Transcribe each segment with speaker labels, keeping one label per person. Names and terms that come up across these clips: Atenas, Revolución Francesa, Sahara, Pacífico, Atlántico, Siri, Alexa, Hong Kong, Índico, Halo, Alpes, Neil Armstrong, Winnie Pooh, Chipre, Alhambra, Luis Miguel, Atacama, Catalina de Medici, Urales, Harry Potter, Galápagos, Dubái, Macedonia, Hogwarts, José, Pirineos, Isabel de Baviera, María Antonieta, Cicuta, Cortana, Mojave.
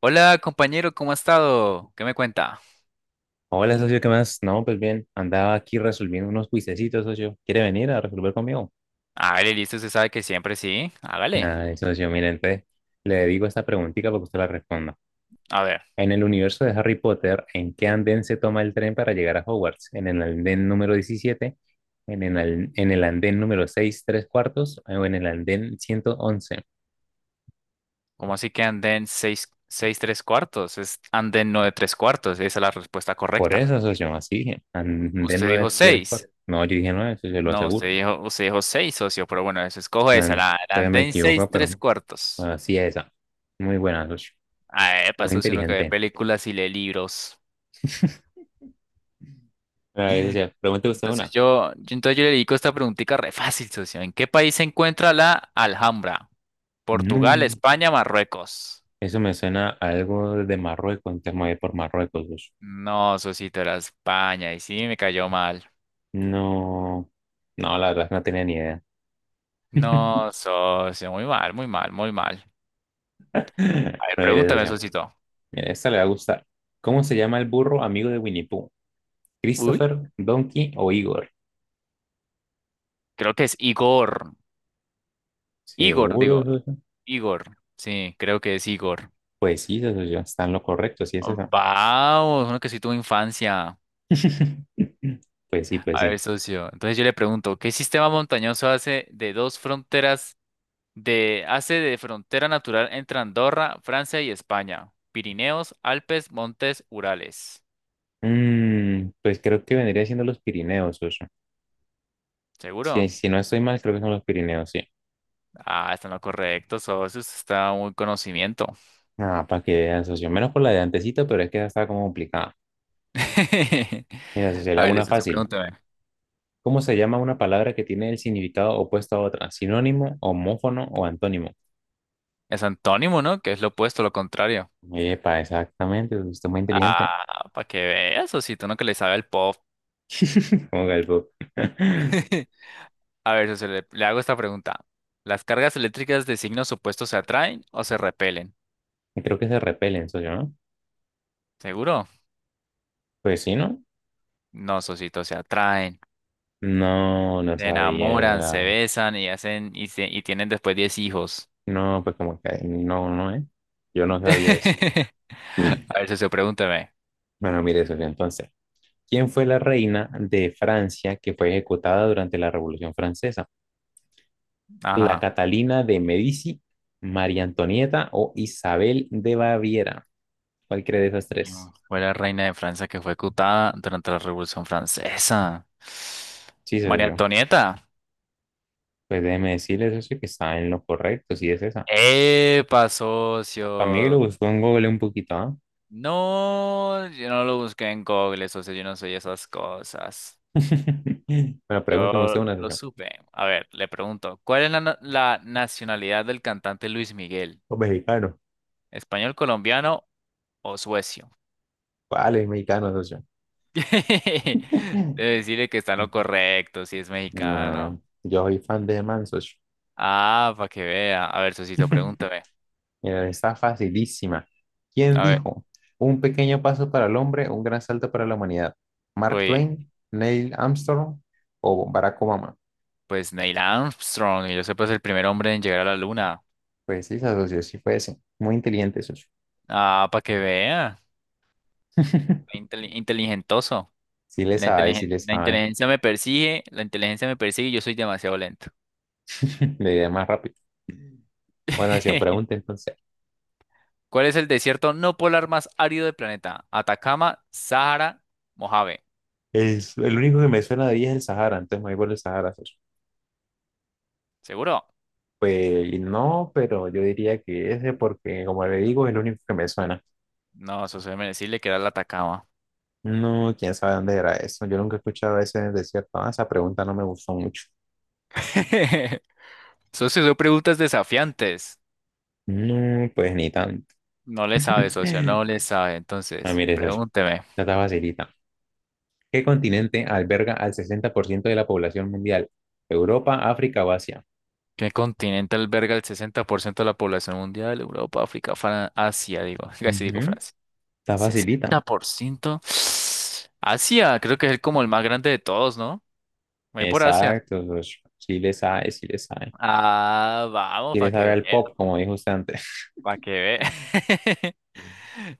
Speaker 1: Hola compañero, ¿cómo ha estado? ¿Qué me cuenta?
Speaker 2: Hola, socio, ¿qué más? No, pues bien, andaba aquí resolviendo unos cuisecitos, socio. ¿Quiere venir a resolver conmigo?
Speaker 1: Hágale, listo, usted sabe que siempre sí. Hágale.
Speaker 2: Ay, socio, mire, entonces le digo esta preguntita para que usted la responda.
Speaker 1: A ver,
Speaker 2: En el universo de Harry Potter, ¿en qué andén se toma el tren para llegar a Hogwarts? ¿En el andén número diecisiete? ¿En el, en el andén número 6 3 cuartos? ¿O en el andén ciento once?
Speaker 1: ¿cómo así que anden 6 3 cuartos? Es anden 9 3 cuartos, esa es la respuesta
Speaker 2: Por
Speaker 1: correcta.
Speaker 2: eso, socio, así dije. Andén
Speaker 1: Usted
Speaker 2: 9
Speaker 1: dijo
Speaker 2: 3 cuartos.
Speaker 1: 6.
Speaker 2: No, yo dije 9, socio, lo
Speaker 1: No,
Speaker 2: aseguro.
Speaker 1: usted dijo 6, socio, pero bueno, eso escojo esa,
Speaker 2: Man,
Speaker 1: la
Speaker 2: todavía me
Speaker 1: anden 6
Speaker 2: equivoco,
Speaker 1: 3
Speaker 2: pero
Speaker 1: cuartos.
Speaker 2: así es esa. Muy buena, socio.
Speaker 1: Ah, epa,
Speaker 2: Muy
Speaker 1: eso es uno que ve
Speaker 2: inteligente.
Speaker 1: películas y lee libros.
Speaker 2: A ver, o sea, pregúntale usted una.
Speaker 1: Entonces yo le dedico esta preguntita re fácil, socio. ¿En qué país se encuentra la Alhambra? Portugal,
Speaker 2: Mm,
Speaker 1: España, Marruecos.
Speaker 2: eso me suena a algo de Marruecos, entonces me voy por Marruecos. Pues.
Speaker 1: No, socito, era España y sí me cayó mal.
Speaker 2: No, no, la verdad es que no tenía ni idea.
Speaker 1: No, socio, muy mal, muy mal, muy mal. A ver,
Speaker 2: Pero mire, esa
Speaker 1: pregúntame,
Speaker 2: sí.
Speaker 1: socito.
Speaker 2: Mire, esta le va a gustar. ¿Cómo se llama el burro amigo de Winnie Pooh?
Speaker 1: Uy.
Speaker 2: ¿Christopher, Donkey o Igor?
Speaker 1: Creo que es Igor. Igor,
Speaker 2: Seguro,
Speaker 1: digo,
Speaker 2: eso sí.
Speaker 1: Igor. Sí, creo que es Igor.
Speaker 2: Pues sí, eso sí, está en lo correcto, sí es
Speaker 1: Oh,
Speaker 2: eso.
Speaker 1: vamos, uno que sí tuvo infancia.
Speaker 2: Pues sí, pues
Speaker 1: A ver,
Speaker 2: sí.
Speaker 1: socio. Entonces yo le pregunto, ¿qué sistema montañoso hace de dos fronteras de hace de frontera natural entre Andorra, Francia y España? Pirineos, Alpes, Montes, Urales.
Speaker 2: Pues creo que vendría siendo los Pirineos, socio. Si,
Speaker 1: ¿Seguro?
Speaker 2: si no estoy mal, creo que son los Pirineos, sí.
Speaker 1: Ah, está en lo correcto, socio. Usted está muy conocimiento.
Speaker 2: Ah, para que vean, socio. Menos por la de antecito, pero es que esa está como complicada. Mira, socio, le
Speaker 1: A
Speaker 2: hago
Speaker 1: ver,
Speaker 2: una
Speaker 1: listo, usted
Speaker 2: fácil.
Speaker 1: pregúntame.
Speaker 2: ¿Cómo se llama una palabra que tiene el significado opuesto a otra? ¿Sinónimo, homófono o antónimo?
Speaker 1: Es antónimo, ¿no? Que es lo opuesto, lo contrario.
Speaker 2: Epa, exactamente, socio, usted es muy inteligente.
Speaker 1: Ah, para que veas, socito, uno que le sabe al pop.
Speaker 2: Como Galpo.
Speaker 1: A ver, socio, le hago esta pregunta. ¿Las cargas eléctricas de signos opuestos se atraen o se repelen?
Speaker 2: Y creo que se repelen, socio, ¿no?
Speaker 1: ¿Seguro?
Speaker 2: Pues sí, ¿no?
Speaker 1: No, socito, se atraen.
Speaker 2: No, no
Speaker 1: Se enamoran, se
Speaker 2: sabía.
Speaker 1: besan y y tienen después 10 hijos.
Speaker 2: No, pues como que no, no, ¿eh? Yo no sabía eso.
Speaker 1: A ver, socio, pregúntame.
Speaker 2: Bueno, mire, socio, entonces. ¿Quién fue la reina de Francia que fue ejecutada durante la Revolución Francesa? La
Speaker 1: Ajá.
Speaker 2: Catalina de Medici, María Antonieta o Isabel de Baviera. ¿Cuál cree de esas
Speaker 1: Mm.
Speaker 2: tres?
Speaker 1: Fue la reina de Francia que fue ejecutada durante la Revolución Francesa.
Speaker 2: Sí, eso
Speaker 1: María
Speaker 2: yo.
Speaker 1: Antonieta.
Speaker 2: Pues déjeme decirles eso que está en lo correcto. Sí es esa.
Speaker 1: ¡Epa,
Speaker 2: Para mí que lo
Speaker 1: socio!
Speaker 2: buscó en Google un poquito, ¿ah?
Speaker 1: No, yo no lo busqué en Google, socio, yo no soy esas cosas.
Speaker 2: Bueno,
Speaker 1: Yo
Speaker 2: pregúnteme usted una,
Speaker 1: lo
Speaker 2: socio.
Speaker 1: supe. A ver, le pregunto, ¿cuál es la nacionalidad del cantante Luis Miguel?
Speaker 2: Los mexicanos.
Speaker 1: ¿Español, colombiano o suecio?
Speaker 2: ¿Cuál es mexicano, socio?
Speaker 1: Debe decirle que está en lo correcto, si es mexicano.
Speaker 2: No, yo soy fan de Man, socio.
Speaker 1: Ah, para que vea. A ver, socito, pregúntame.
Speaker 2: Mira, está facilísima. ¿Quién
Speaker 1: A ver.
Speaker 2: dijo? Un pequeño paso para el hombre, un gran salto para la humanidad. ¿Mark
Speaker 1: Uy,
Speaker 2: Twain, Neil Armstrong o Barack Obama?
Speaker 1: pues Neil Armstrong, y yo sé, pues el primer hombre en llegar a la luna.
Speaker 2: Pues sí, socio, sí fue ese. Muy inteligente, socio.
Speaker 1: Ah, para que vea. Inteligentoso.
Speaker 2: Sí le sabe, sí le
Speaker 1: La
Speaker 2: sabe.
Speaker 1: inteligencia me persigue, la inteligencia me persigue y yo soy demasiado lento.
Speaker 2: Le idea más rápido. Bueno, si pregunta entonces.
Speaker 1: ¿Cuál es el desierto no polar más árido del planeta? Atacama, Sahara, Mojave.
Speaker 2: Es, el único que me suena de ahí es el Sahara, entonces me voy por el Sahara, socio.
Speaker 1: ¿Seguro?
Speaker 2: Pues no, pero yo diría que ese porque, como le digo, es el único que me suena.
Speaker 1: No, eso se me decirle que era el Atacama.
Speaker 2: No, quién sabe dónde era eso. Yo nunca he escuchado ese desierto. Ah, esa pregunta no me gustó mucho.
Speaker 1: Socio, son preguntas desafiantes.
Speaker 2: No, pues ni tanto.
Speaker 1: No le sabe, socio, no le sabe.
Speaker 2: Ah,
Speaker 1: Entonces,
Speaker 2: mire eso ya.
Speaker 1: pregúnteme.
Speaker 2: Ya está facilita. ¿Qué continente alberga al 60% de la población mundial? ¿Europa, África o Asia?
Speaker 1: ¿Qué continente alberga el 60% de la población mundial? Europa, África, Asia, digo. Casi digo
Speaker 2: Ujú,
Speaker 1: Francia.
Speaker 2: está facilita.
Speaker 1: 60%. Asia, creo que como el más grande de todos, ¿no? Voy por Asia.
Speaker 2: Exacto, socio. Sí le sabe, sí le sabe.
Speaker 1: Ah, vamos,
Speaker 2: Sí le sabe al pop, como dijo usted antes.
Speaker 1: para que vea.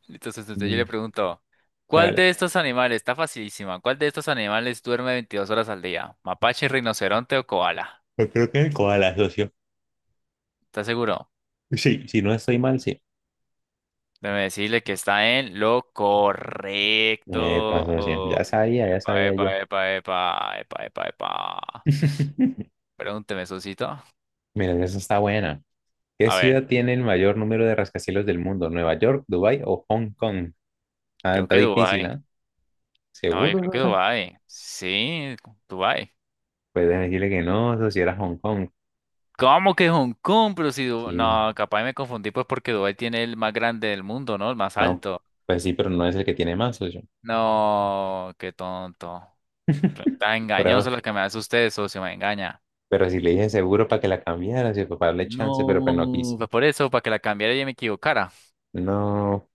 Speaker 1: Entonces yo
Speaker 2: Mm.
Speaker 1: le pregunto, ¿cuál de
Speaker 2: Hágale.
Speaker 1: estos animales, está facilísima, cuál de estos animales duerme 22 horas al día? ¿Mapache, rinoceronte o koala?
Speaker 2: Yo creo que el koala, socio.
Speaker 1: ¿Estás seguro?
Speaker 2: Sí, si no estoy mal, sí.
Speaker 1: Déjame decirle que está en lo
Speaker 2: Epa, socio.
Speaker 1: correcto.
Speaker 2: Ya
Speaker 1: Epa,
Speaker 2: sabía yo.
Speaker 1: epa, epa, epa, epa, epa, epa. Pregúnteme, Sosito.
Speaker 2: Mira, esa está buena. ¿Qué
Speaker 1: A ver,
Speaker 2: ciudad tiene el mayor número de rascacielos del mundo? ¿Nueva York, Dubái o Hong Kong? Ah,
Speaker 1: creo
Speaker 2: está
Speaker 1: que
Speaker 2: difícil,
Speaker 1: Dubái.
Speaker 2: ¿ah?
Speaker 1: No, yo creo
Speaker 2: ¿Seguro
Speaker 1: que
Speaker 2: eso?
Speaker 1: Dubái. Sí, Dubái.
Speaker 2: Puedes decirle que no, eso si era Hong Kong.
Speaker 1: ¿Cómo que Hong Kong? Pero si
Speaker 2: Sí,
Speaker 1: no, capaz me confundí pues porque Dubái tiene el más grande del mundo, ¿no? El más
Speaker 2: no,
Speaker 1: alto.
Speaker 2: pues sí, pero no es el que tiene más, socio.
Speaker 1: No, qué tonto. Está
Speaker 2: Por ahora.
Speaker 1: engañoso lo que me hace usted, socio, me engaña.
Speaker 2: Pero si le dije seguro para que la cambiara, si para darle chance, pero pues no quiso.
Speaker 1: No, pues por eso, para que la cambiara y me equivocara.
Speaker 2: No,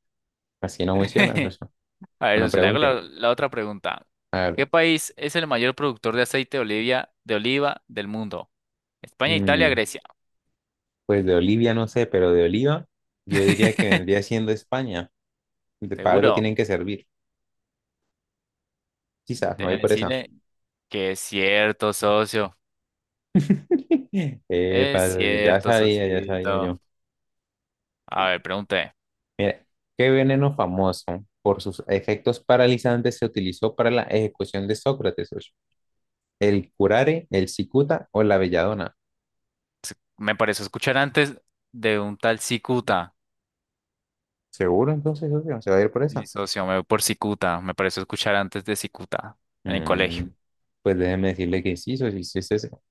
Speaker 2: así no funciona, socio.
Speaker 1: A
Speaker 2: Bueno,
Speaker 1: ver, se le hago
Speaker 2: pregunte.
Speaker 1: la otra pregunta.
Speaker 2: A ver,
Speaker 1: ¿Qué país es el mayor productor de aceite de oliva del mundo? España, Italia,
Speaker 2: mm,
Speaker 1: Grecia.
Speaker 2: pues de Olivia no sé, pero de Oliva yo diría que vendría siendo España. De- para algo
Speaker 1: Seguro.
Speaker 2: tienen que servir. Quizás, me voy
Speaker 1: Deben
Speaker 2: por esa.
Speaker 1: decirle que es cierto, socio. Es
Speaker 2: Padre,
Speaker 1: cierto,
Speaker 2: ya sabía
Speaker 1: socito.
Speaker 2: yo.
Speaker 1: A ver, pregunté.
Speaker 2: Mira, ¿qué veneno famoso por sus efectos paralizantes se utilizó para la ejecución de Sócrates, socio? ¿El curare, el cicuta o la belladona?
Speaker 1: Me pareció escuchar antes de un tal Cicuta.
Speaker 2: ¿Seguro entonces, socio? ¿Se va a ir por
Speaker 1: Sí,
Speaker 2: esa?
Speaker 1: socio, me voy por Cicuta. Me pareció escuchar antes de Cicuta en el
Speaker 2: Mm,
Speaker 1: colegio.
Speaker 2: pues déjeme decirle que sí, socio, sí sí, es eso.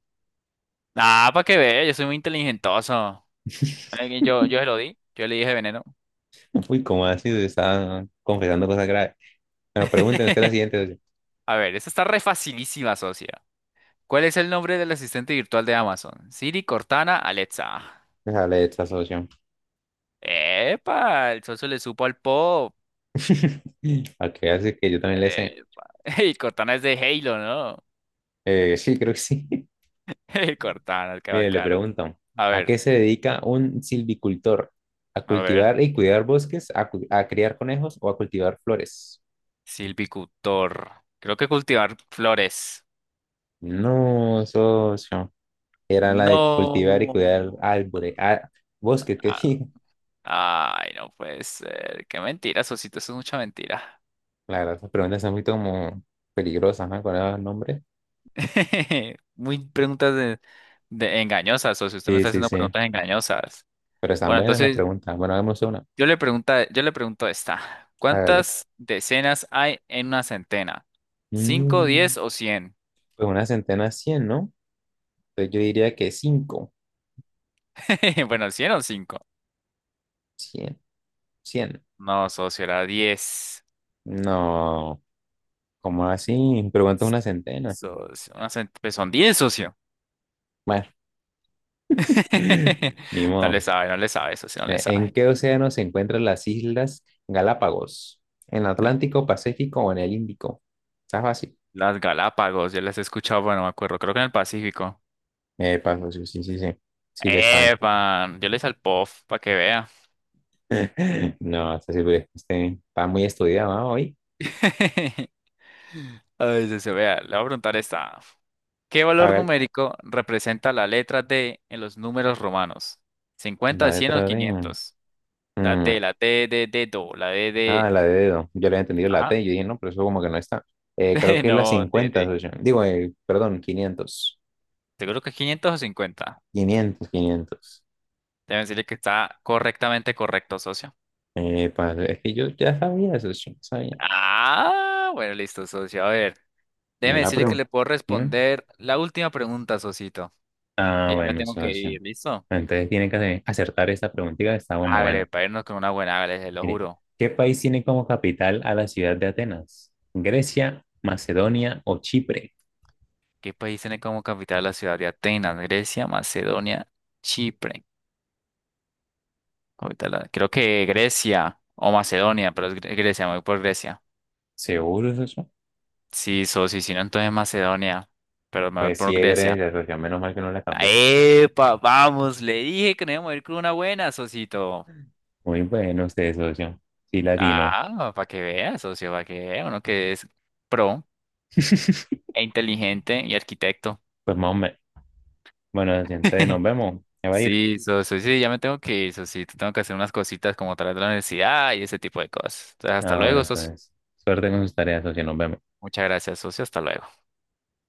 Speaker 1: Ah, para que vea, yo soy muy inteligentoso. Yo se lo di. Yo le dije veneno.
Speaker 2: Uy, ¿cómo así? Se está confesando cosas graves. Bueno, pregúnteme usted la siguiente, socio.
Speaker 1: A ver, esta está re facilísima, socia. ¿Cuál es el nombre del asistente virtual de Amazon? Siri, Cortana, Alexa.
Speaker 2: Déjale esta, socio.
Speaker 1: Epa, el socio le supo al pop.
Speaker 2: A qué hace que yo también le sé.
Speaker 1: Epa. Y Cortana es de Halo, ¿no?
Speaker 2: Sí, creo que sí.
Speaker 1: Cortana, qué
Speaker 2: Mire, le
Speaker 1: bacano.
Speaker 2: pregunto,
Speaker 1: A
Speaker 2: ¿a
Speaker 1: ver,
Speaker 2: qué se dedica un silvicultor? ¿A
Speaker 1: a ver.
Speaker 2: cultivar y cuidar bosques? ¿A, a criar conejos o a cultivar flores?
Speaker 1: Silvicultor. Creo que cultivar flores.
Speaker 2: No, socio. Era la de cultivar y cuidar
Speaker 1: No.
Speaker 2: árboles, ah, bosques, que dije.
Speaker 1: Ay, no puede ser. Qué mentira, socito. Eso es mucha mentira.
Speaker 2: La verdad, esas preguntas son muy como peligrosas, ¿no? Con esos nombres.
Speaker 1: Muy preguntas de engañosas, o si usted me
Speaker 2: Sí,
Speaker 1: está
Speaker 2: sí,
Speaker 1: haciendo
Speaker 2: sí.
Speaker 1: preguntas engañosas.
Speaker 2: Pero están
Speaker 1: Bueno,
Speaker 2: buenas las
Speaker 1: entonces
Speaker 2: preguntas. Bueno, hagamos una.
Speaker 1: yo le pregunto esta.
Speaker 2: Hágale.
Speaker 1: ¿Cuántas decenas hay en una centena? ¿Cinco,
Speaker 2: Mm,
Speaker 1: diez o cien?
Speaker 2: pues una centena, cien, ¿no? Entonces yo diría que cinco.
Speaker 1: Bueno, cien o cinco.
Speaker 2: Cien, cien.
Speaker 1: No, socio, era diez.
Speaker 2: No. ¿Cómo así? Pero cuánto es una centena.
Speaker 1: Socio, pues son diez, socio.
Speaker 2: Bueno, ni
Speaker 1: No le
Speaker 2: modo.
Speaker 1: sabe, no le sabe, socio, no le
Speaker 2: ¿En
Speaker 1: sabe.
Speaker 2: qué océano se encuentran las islas Galápagos? ¿En el
Speaker 1: Ay,
Speaker 2: Atlántico, Pacífico o en el Índico? Está fácil.
Speaker 1: las Galápagos, yo las he escuchado, bueno, me acuerdo, creo que en el Pacífico.
Speaker 2: Paso, sí, sí, sí, sí. Sí le sabe.
Speaker 1: ¡Epa! Yo les al POF, para que vean.
Speaker 2: No, está, sí, pues, este, está muy estudiado, ¿no? Hoy.
Speaker 1: A veces se vea, le voy a preguntar esta. ¿Qué
Speaker 2: A
Speaker 1: valor
Speaker 2: ver,
Speaker 1: numérico representa la letra D en los números romanos? 50,
Speaker 2: la
Speaker 1: 100 o
Speaker 2: letra de...
Speaker 1: 500.
Speaker 2: mm,
Speaker 1: La D, D, D, Do, la D,
Speaker 2: ah,
Speaker 1: D.
Speaker 2: la de dedo. Yo le he entendido la
Speaker 1: Ajá.
Speaker 2: T. Yo dije, no, pero eso como que no está. Creo
Speaker 1: D,
Speaker 2: que es la
Speaker 1: no, D,
Speaker 2: cincuenta,
Speaker 1: D.
Speaker 2: socio. Digo, perdón, 500,
Speaker 1: Seguro que 500 o 50.
Speaker 2: 500, 500.
Speaker 1: Deben decirle que está correctamente correcto, socio.
Speaker 2: Epa, es que yo ya sabía, socio, sabía.
Speaker 1: Ah, bueno, listo, socio. A ver,
Speaker 2: Mira
Speaker 1: déjeme
Speaker 2: la
Speaker 1: decirle que
Speaker 2: pregunta.
Speaker 1: le puedo
Speaker 2: Mira.
Speaker 1: responder la última pregunta, socito.
Speaker 2: Ah,
Speaker 1: Que ya me
Speaker 2: bueno,
Speaker 1: tengo que
Speaker 2: socio.
Speaker 1: ir, ¿listo?
Speaker 2: Entonces tiene que acertar esta preguntita que está muy
Speaker 1: Hágale,
Speaker 2: buena.
Speaker 1: para irnos con una buena, hágale, se lo
Speaker 2: Mire,
Speaker 1: juro.
Speaker 2: ¿qué país tiene como capital a la ciudad de Atenas? ¿Grecia, Macedonia o Chipre?
Speaker 1: ¿Qué país tiene como capital la ciudad de Atenas? Grecia, Macedonia, Chipre. Creo que Grecia o Macedonia, pero es Grecia, me voy por Grecia.
Speaker 2: ¿Seguro, socio?
Speaker 1: Sí, sí, si no, entonces Macedonia, pero me voy
Speaker 2: Pues
Speaker 1: por
Speaker 2: sí, es
Speaker 1: Grecia.
Speaker 2: Grecia, socio. Menos mal que no la cambió.
Speaker 1: ¡Epa! Vamos, le dije que nos íbamos a ir con una buena, socito.
Speaker 2: Muy bueno usted, socio. Sí, latino.
Speaker 1: Ah, para que veas, socio, para que vea uno que es pro e inteligente y arquitecto.
Speaker 2: Pues más o menos. Bueno, socio, entonces nos vemos. Ya va a ir.
Speaker 1: Sí, sí, ya me tengo que ir, sí, tengo que hacer unas cositas como tras la universidad y ese tipo de cosas. Entonces, hasta
Speaker 2: Ah, bueno,
Speaker 1: luego, socio.
Speaker 2: entonces. Suerte con sus tareas, socio. Nos vemos.
Speaker 1: Muchas gracias, socio, hasta luego.